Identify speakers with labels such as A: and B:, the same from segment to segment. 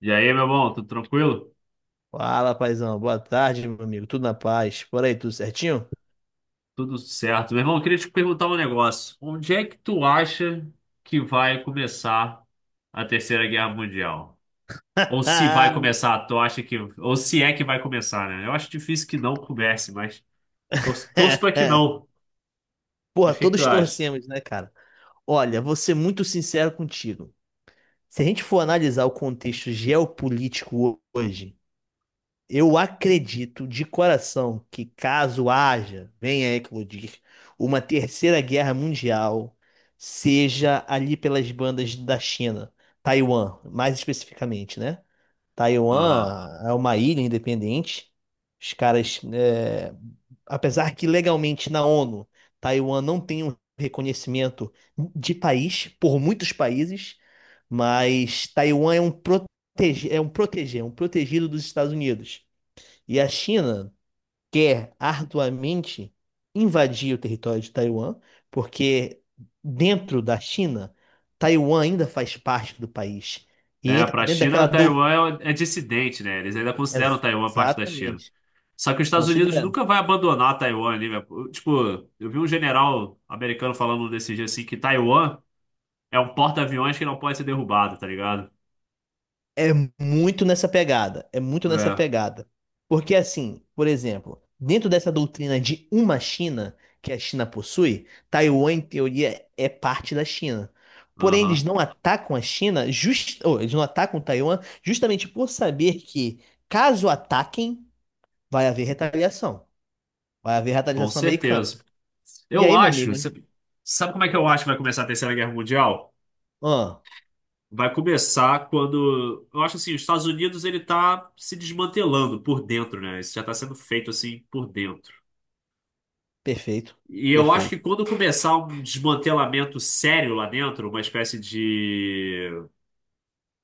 A: E aí, meu irmão, tudo tranquilo?
B: Fala, paizão. Boa tarde, meu amigo. Tudo na paz? Por aí, tudo certinho?
A: Tudo certo. Meu irmão, eu queria te perguntar um negócio. Onde é que tu acha que vai começar a Terceira Guerra Mundial? Ou se vai começar, tu acha que, ou se é que vai começar, né? Eu acho difícil que não comece, mas torço pra que não.
B: Porra,
A: Mas o que que tu
B: todos
A: acha?
B: torcemos, né, cara? Olha, vou ser muito sincero contigo. Se a gente for analisar o contexto geopolítico hoje, eu acredito de coração que caso haja, venha a eclodir, uma terceira guerra mundial, seja ali pelas bandas da China, Taiwan, mais especificamente, né?
A: Aham.
B: Taiwan é uma ilha independente. Os caras, apesar que legalmente na ONU, Taiwan não tem um reconhecimento de país por muitos países, mas Taiwan é um protegido dos Estados Unidos. E a China quer arduamente invadir o território de Taiwan, porque dentro da China, Taiwan ainda faz parte do país e
A: É,
B: entra
A: para a
B: dentro daquela.
A: China, Taiwan é dissidente, né? Eles ainda consideram Taiwan parte da China.
B: Exatamente.
A: Só que os Estados Unidos
B: Considerando.
A: nunca vai abandonar Taiwan ali, né? Tipo, eu vi um general americano falando desse dia assim que Taiwan. É um porta-aviões que não pode ser derrubado, tá ligado?
B: É muito nessa pegada. É muito nessa
A: É.
B: pegada. Porque, assim, por exemplo, dentro dessa doutrina de uma China que a China possui, Taiwan, em teoria, é parte da China. Porém, eles
A: Aham.
B: não atacam a China, eles não atacam Taiwan justamente por saber que, caso ataquem, vai haver retaliação. Vai haver
A: Com
B: retaliação americana.
A: certeza.
B: E
A: Eu
B: aí, meu
A: acho.
B: amigo?
A: Sabe como é que eu acho que vai começar a Terceira Guerra Mundial?
B: Ah,
A: Vai começar quando. Eu acho assim, os Estados Unidos ele tá se desmantelando por dentro, né? Isso já tá sendo feito assim por dentro.
B: perfeito.
A: E eu acho que
B: Perfeito.
A: quando começar um desmantelamento sério lá dentro, uma espécie de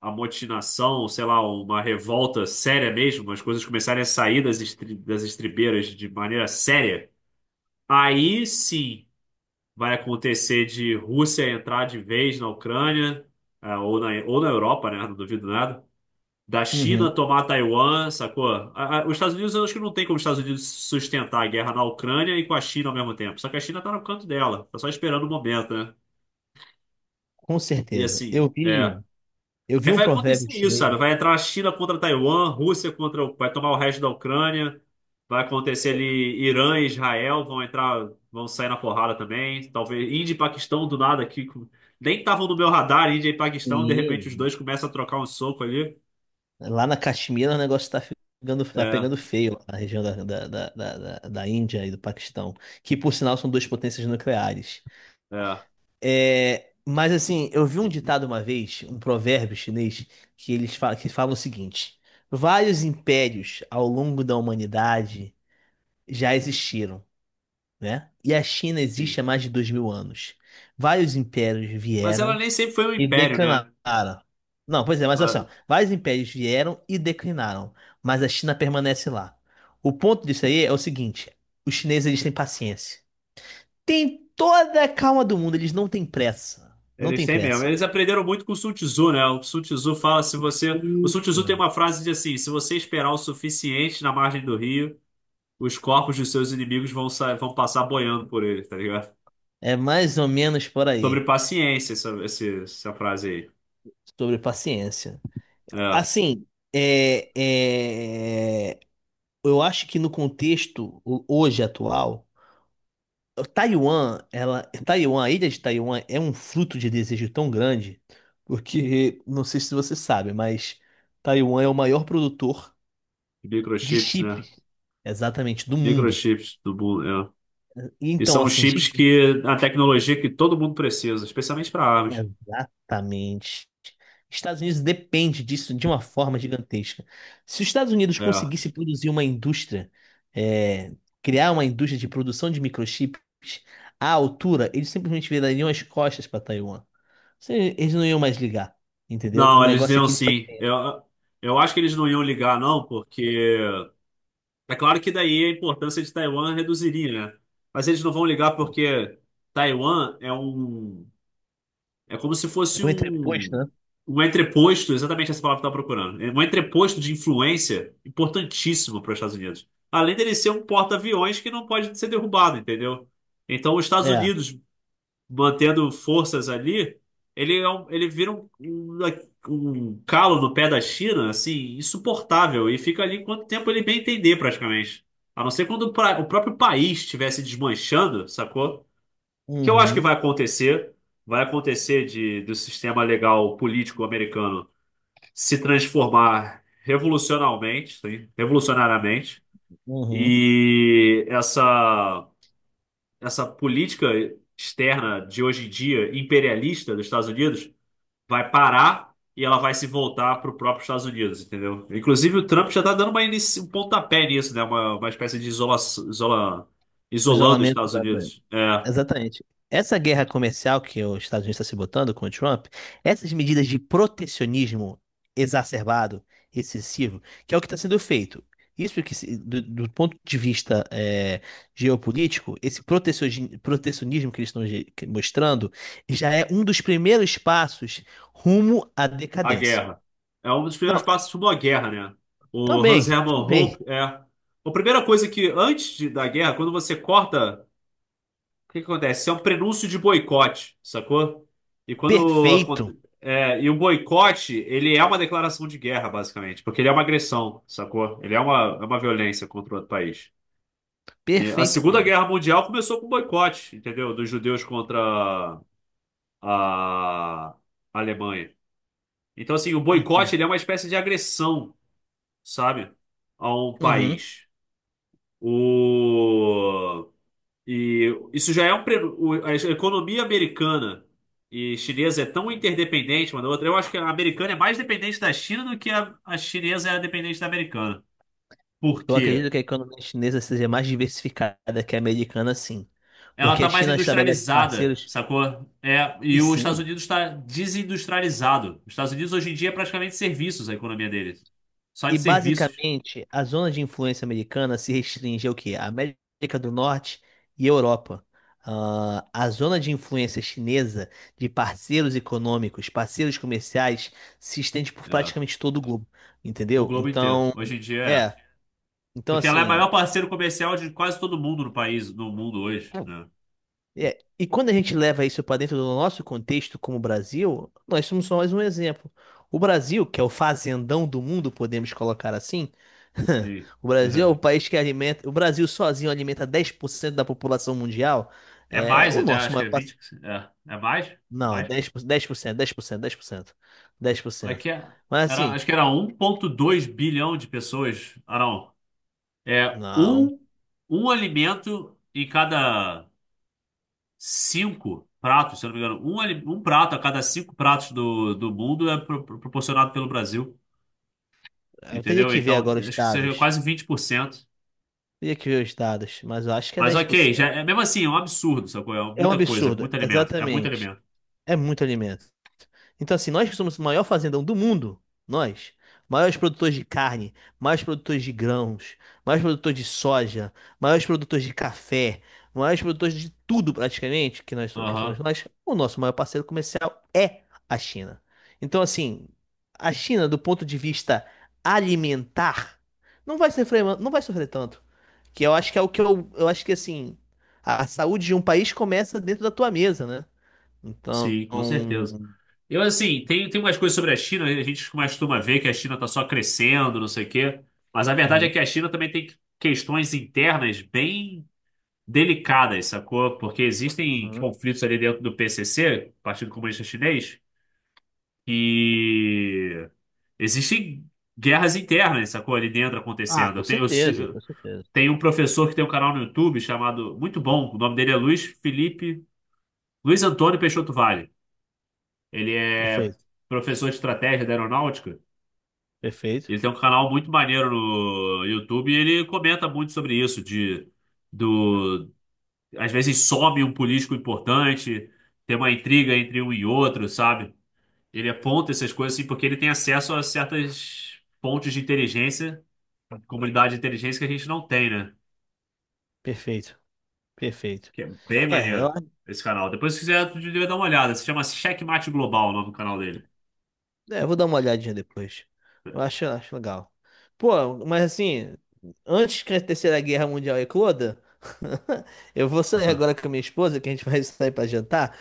A: amotinação, sei lá, uma revolta séria mesmo, as coisas começarem a sair das estribeiras de maneira séria. Aí sim vai acontecer de Rússia entrar de vez na Ucrânia, é, ou na Europa, né? Não duvido nada. Da China
B: Uhum,
A: tomar Taiwan, sacou? Os Estados Unidos, eu acho que não tem como os Estados Unidos sustentar a guerra na Ucrânia e com a China ao mesmo tempo. Só que a China tá no canto dela, tá só esperando o momento, né?
B: com
A: E
B: certeza.
A: assim,
B: Eu
A: é.
B: vi. Eu vi
A: Aí
B: um
A: vai
B: provérbio
A: acontecer isso,
B: chinês.
A: sabe? Vai entrar a China contra Taiwan, Rússia vai tomar o resto da Ucrânia, vai acontecer ali Irã e Israel vão entrar, vão sair na porrada também. Talvez Índia e Paquistão do nada aqui, nem estavam no meu radar, Índia e Paquistão, de repente os
B: Sim,
A: dois começam a trocar um soco ali.
B: lá na Caxemira o negócio tá ficando, tá
A: É,
B: pegando feio lá na região da Índia e do Paquistão, que por sinal são duas potências nucleares.
A: é.
B: É, mas assim, eu vi um ditado uma vez, um provérbio chinês, que falam o seguinte: vários impérios ao longo da humanidade já existiram, né? E a China existe
A: Sim.
B: há mais de 2.000 anos. Vários impérios
A: Mas ela
B: vieram
A: nem sempre foi um
B: e
A: império,
B: declinaram.
A: né?
B: Não, pois é, mas olha só.
A: Ela-
B: Vários impérios vieram e declinaram, mas a China permanece lá. O ponto disso aí é o seguinte: os chineses eles têm paciência. Tem toda a calma do mundo, eles não têm pressa. Não
A: Eles
B: têm
A: têm mesmo.
B: pressa.
A: Eles aprenderam muito com o Sun Tzu, né? O Sun Tzu fala se você. O Sun
B: Isso.
A: Tzu tem uma frase de assim: se você esperar o suficiente na margem do rio os corpos de seus inimigos vão passar boiando por ele, tá ligado?
B: É mais ou menos por
A: Sobre
B: aí,
A: paciência, essa frase aí.
B: sobre paciência.
A: É,
B: Assim, é, é, eu acho que no contexto hoje atual. Taiwan, a ilha de Taiwan é um fruto de desejo tão grande, porque não sei se você sabe, mas Taiwan é o maior produtor de
A: microchips, né?
B: chips, exatamente, do mundo.
A: Microchips do mundo,
B: E
A: é. E
B: então,
A: são os
B: assim,
A: chips que a tecnologia que todo mundo precisa, especialmente para armas.
B: exatamente. Estados Unidos depende disso de uma forma gigantesca. Se os Estados Unidos
A: É.
B: conseguisse produzir uma indústria, é, criar uma indústria de produção de microchips à altura, eles simplesmente virariam as costas para Taiwan. Sim, eles não iam mais ligar, entendeu? O
A: Não, eles
B: negócio é
A: iam
B: que eles.
A: sim. Eu acho que eles não iam ligar, não, porque é claro que daí a importância de Taiwan reduziria, né? Mas eles não vão ligar porque Taiwan é um. É como se
B: É
A: fosse
B: o entreposto,
A: um,
B: né?
A: um entreposto, exatamente essa palavra que eu estava procurando. É um entreposto de influência importantíssimo para os Estados Unidos. Além dele ser um porta-aviões que não pode ser derrubado, entendeu? Então, os Estados
B: É.
A: Unidos mantendo forças ali, ele vira um calo no pé da China, assim, insuportável. E fica ali quanto tempo ele bem entender, praticamente. A não ser quando o próprio país estivesse desmanchando, sacou? Que eu acho que
B: Uhum,
A: vai acontecer de do sistema legal político americano se transformar revolucionalmente, sim, revolucionariamente,
B: uhum.
A: e essa política externa de hoje em dia imperialista dos Estados Unidos vai parar e ela vai se voltar para o próprio Estados Unidos, entendeu? Inclusive o Trump já está dando um pontapé nisso, né? Uma espécie de isola,
B: O
A: isolando os
B: isolamento
A: Estados
B: da Ucrânia.
A: Unidos. É.
B: Exatamente. Essa guerra comercial que os Estados Unidos está se botando com o Trump, essas medidas de protecionismo exacerbado, excessivo, que é o que está sendo feito. Isso que, do ponto de vista geopolítico, esse protecionismo que eles estão mostrando já é um dos primeiros passos rumo à
A: A
B: decadência.
A: Guerra. É um dos primeiros
B: Não,
A: passos rumo à guerra, né? O Hans
B: também,
A: Hermann
B: também.
A: Hoppe é. A primeira coisa que, antes da guerra, quando você corta, o que que acontece? É um prenúncio de boicote, sacou? E
B: Perfeito.
A: é, e o boicote, ele é uma declaração de guerra, basicamente, porque ele é uma agressão, sacou? Ele é uma violência contra outro país. E a Segunda
B: Perfeitamente.
A: Guerra Mundial começou com boicote, entendeu? Dos judeus contra a a Alemanha. Então, assim, o boicote,
B: Entendo.
A: ele é uma espécie de agressão, sabe? Ao
B: Uhum.
A: país. O... E isso já é um. A economia americana e chinesa é tão interdependente uma da outra. Eu acho que a americana é mais dependente da China do que a chinesa é dependente da americana. Por
B: Eu
A: quê?
B: acredito que a economia chinesa seja mais diversificada que a americana, sim.
A: Ela
B: Porque
A: está
B: a
A: mais
B: China estabelece
A: industrializada,
B: parceiros,
A: sacou? É,
B: e
A: e os Estados
B: sim.
A: Unidos está desindustrializado. Os Estados Unidos hoje em dia é praticamente serviços a economia deles. Só de
B: E
A: serviços.
B: basicamente, a zona de influência americana se restringe ao quê? A América do Norte e Europa. Ah, a zona de influência chinesa de parceiros econômicos, parceiros comerciais, se estende por
A: É,
B: praticamente todo o globo,
A: o
B: entendeu?
A: globo inteiro.
B: Então,
A: Hoje em dia é.
B: é. Então,
A: Porque ela é o
B: assim.
A: maior parceiro comercial de quase todo mundo no país, no mundo hoje, né?
B: É, e quando a gente leva isso para dentro do nosso contexto como Brasil, nós somos só mais um exemplo. O Brasil, que é o fazendão do mundo, podemos colocar assim,
A: Sim.
B: o Brasil é o país que alimenta, o Brasil sozinho alimenta 10% da população mundial.
A: É
B: É
A: mais
B: o
A: até,
B: nosso
A: acho que
B: maior,
A: é
B: pass-
A: 20. É mais? É
B: não, é
A: mais?
B: 10%, 10%. Dez por cento, dez por cento, dez por
A: É
B: cento.
A: que
B: Mas
A: era,
B: assim,
A: acho que era 1,2 bilhão de pessoas. Ah, não. É
B: não,
A: um alimento em cada cinco pratos, se eu não me engano. Um prato a cada cinco pratos do mundo é proporcionado pelo Brasil.
B: eu teria
A: Entendeu?
B: que ver
A: Então,
B: agora os
A: acho que seria
B: dados.
A: quase 20%.
B: Teria que ver os dados, mas eu acho que é
A: Mas
B: dez por
A: ok, já,
B: cento.
A: é, mesmo assim, é um absurdo, sacou? É
B: É um
A: muita coisa,
B: absurdo,
A: muito alimento. É muito
B: exatamente.
A: alimento.
B: É muito alimento. Então, assim, nós que somos o maior fazendão do mundo, nós, maiores produtores de carne, maiores produtores de grãos, maiores produtores de soja, maiores produtores de café, maiores produtores de tudo praticamente que nós que somos
A: Aham,
B: nós, o nosso maior parceiro comercial é a China. Então, assim, a China, do ponto de vista alimentar, não vai sofrer, não vai sofrer tanto. Que eu acho que é o que eu acho que assim, a saúde de um país começa dentro da tua mesa, né? Então,
A: sim, com certeza. Eu, assim, tem umas coisas sobre a China, a gente costuma ver que a China tá só crescendo, não sei o quê. Mas a verdade é que
B: uhum.
A: a China também tem questões internas bem delicadas, sacou? Porque existem
B: Uhum.
A: conflitos ali dentro do PCC, Partido Comunista Chinês, que existem guerras internas, sacou? Ali dentro
B: Ah,
A: acontecendo.
B: com
A: Eu tenho, eu, se-
B: certeza, com certeza.
A: Tem um professor que tem um canal no YouTube chamado, muito bom, o nome dele é Luiz Felipe, Luiz Antônio Peixoto Vale. Ele é
B: Perfeito,
A: professor de estratégia da aeronáutica.
B: perfeito,
A: Ele tem um canal muito maneiro no YouTube e ele comenta muito sobre isso, de do às vezes some um político importante, tem uma intriga entre um e outro, sabe? Ele aponta essas coisas assim porque ele tem acesso a certas fontes de inteligência, comunidade de inteligência que a gente não tem, né?
B: perfeito, perfeito.
A: Que é bem
B: É, eu,
A: maneiro esse canal. Depois, se quiser, tu devia dar uma olhada. Se chama Checkmate Global, o nome do canal dele.
B: eu vou dar uma olhadinha depois. Eu acho legal. Pô, mas assim, antes que a Terceira Guerra Mundial ecloda, eu vou sair agora com a minha esposa, que a gente vai sair pra jantar,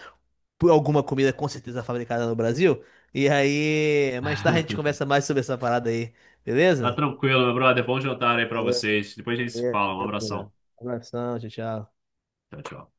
B: por alguma comida com certeza fabricada no Brasil. E aí, mais tarde a gente conversa mais sobre essa parada aí,
A: Tá
B: beleza?
A: tranquilo, meu brother. Bom jantar aí pra
B: Valeu,
A: vocês. Depois a gente se
B: valeu,
A: fala. Um abração.
B: obrigado. Abração, tchau, tchau.
A: Tchau, tchau.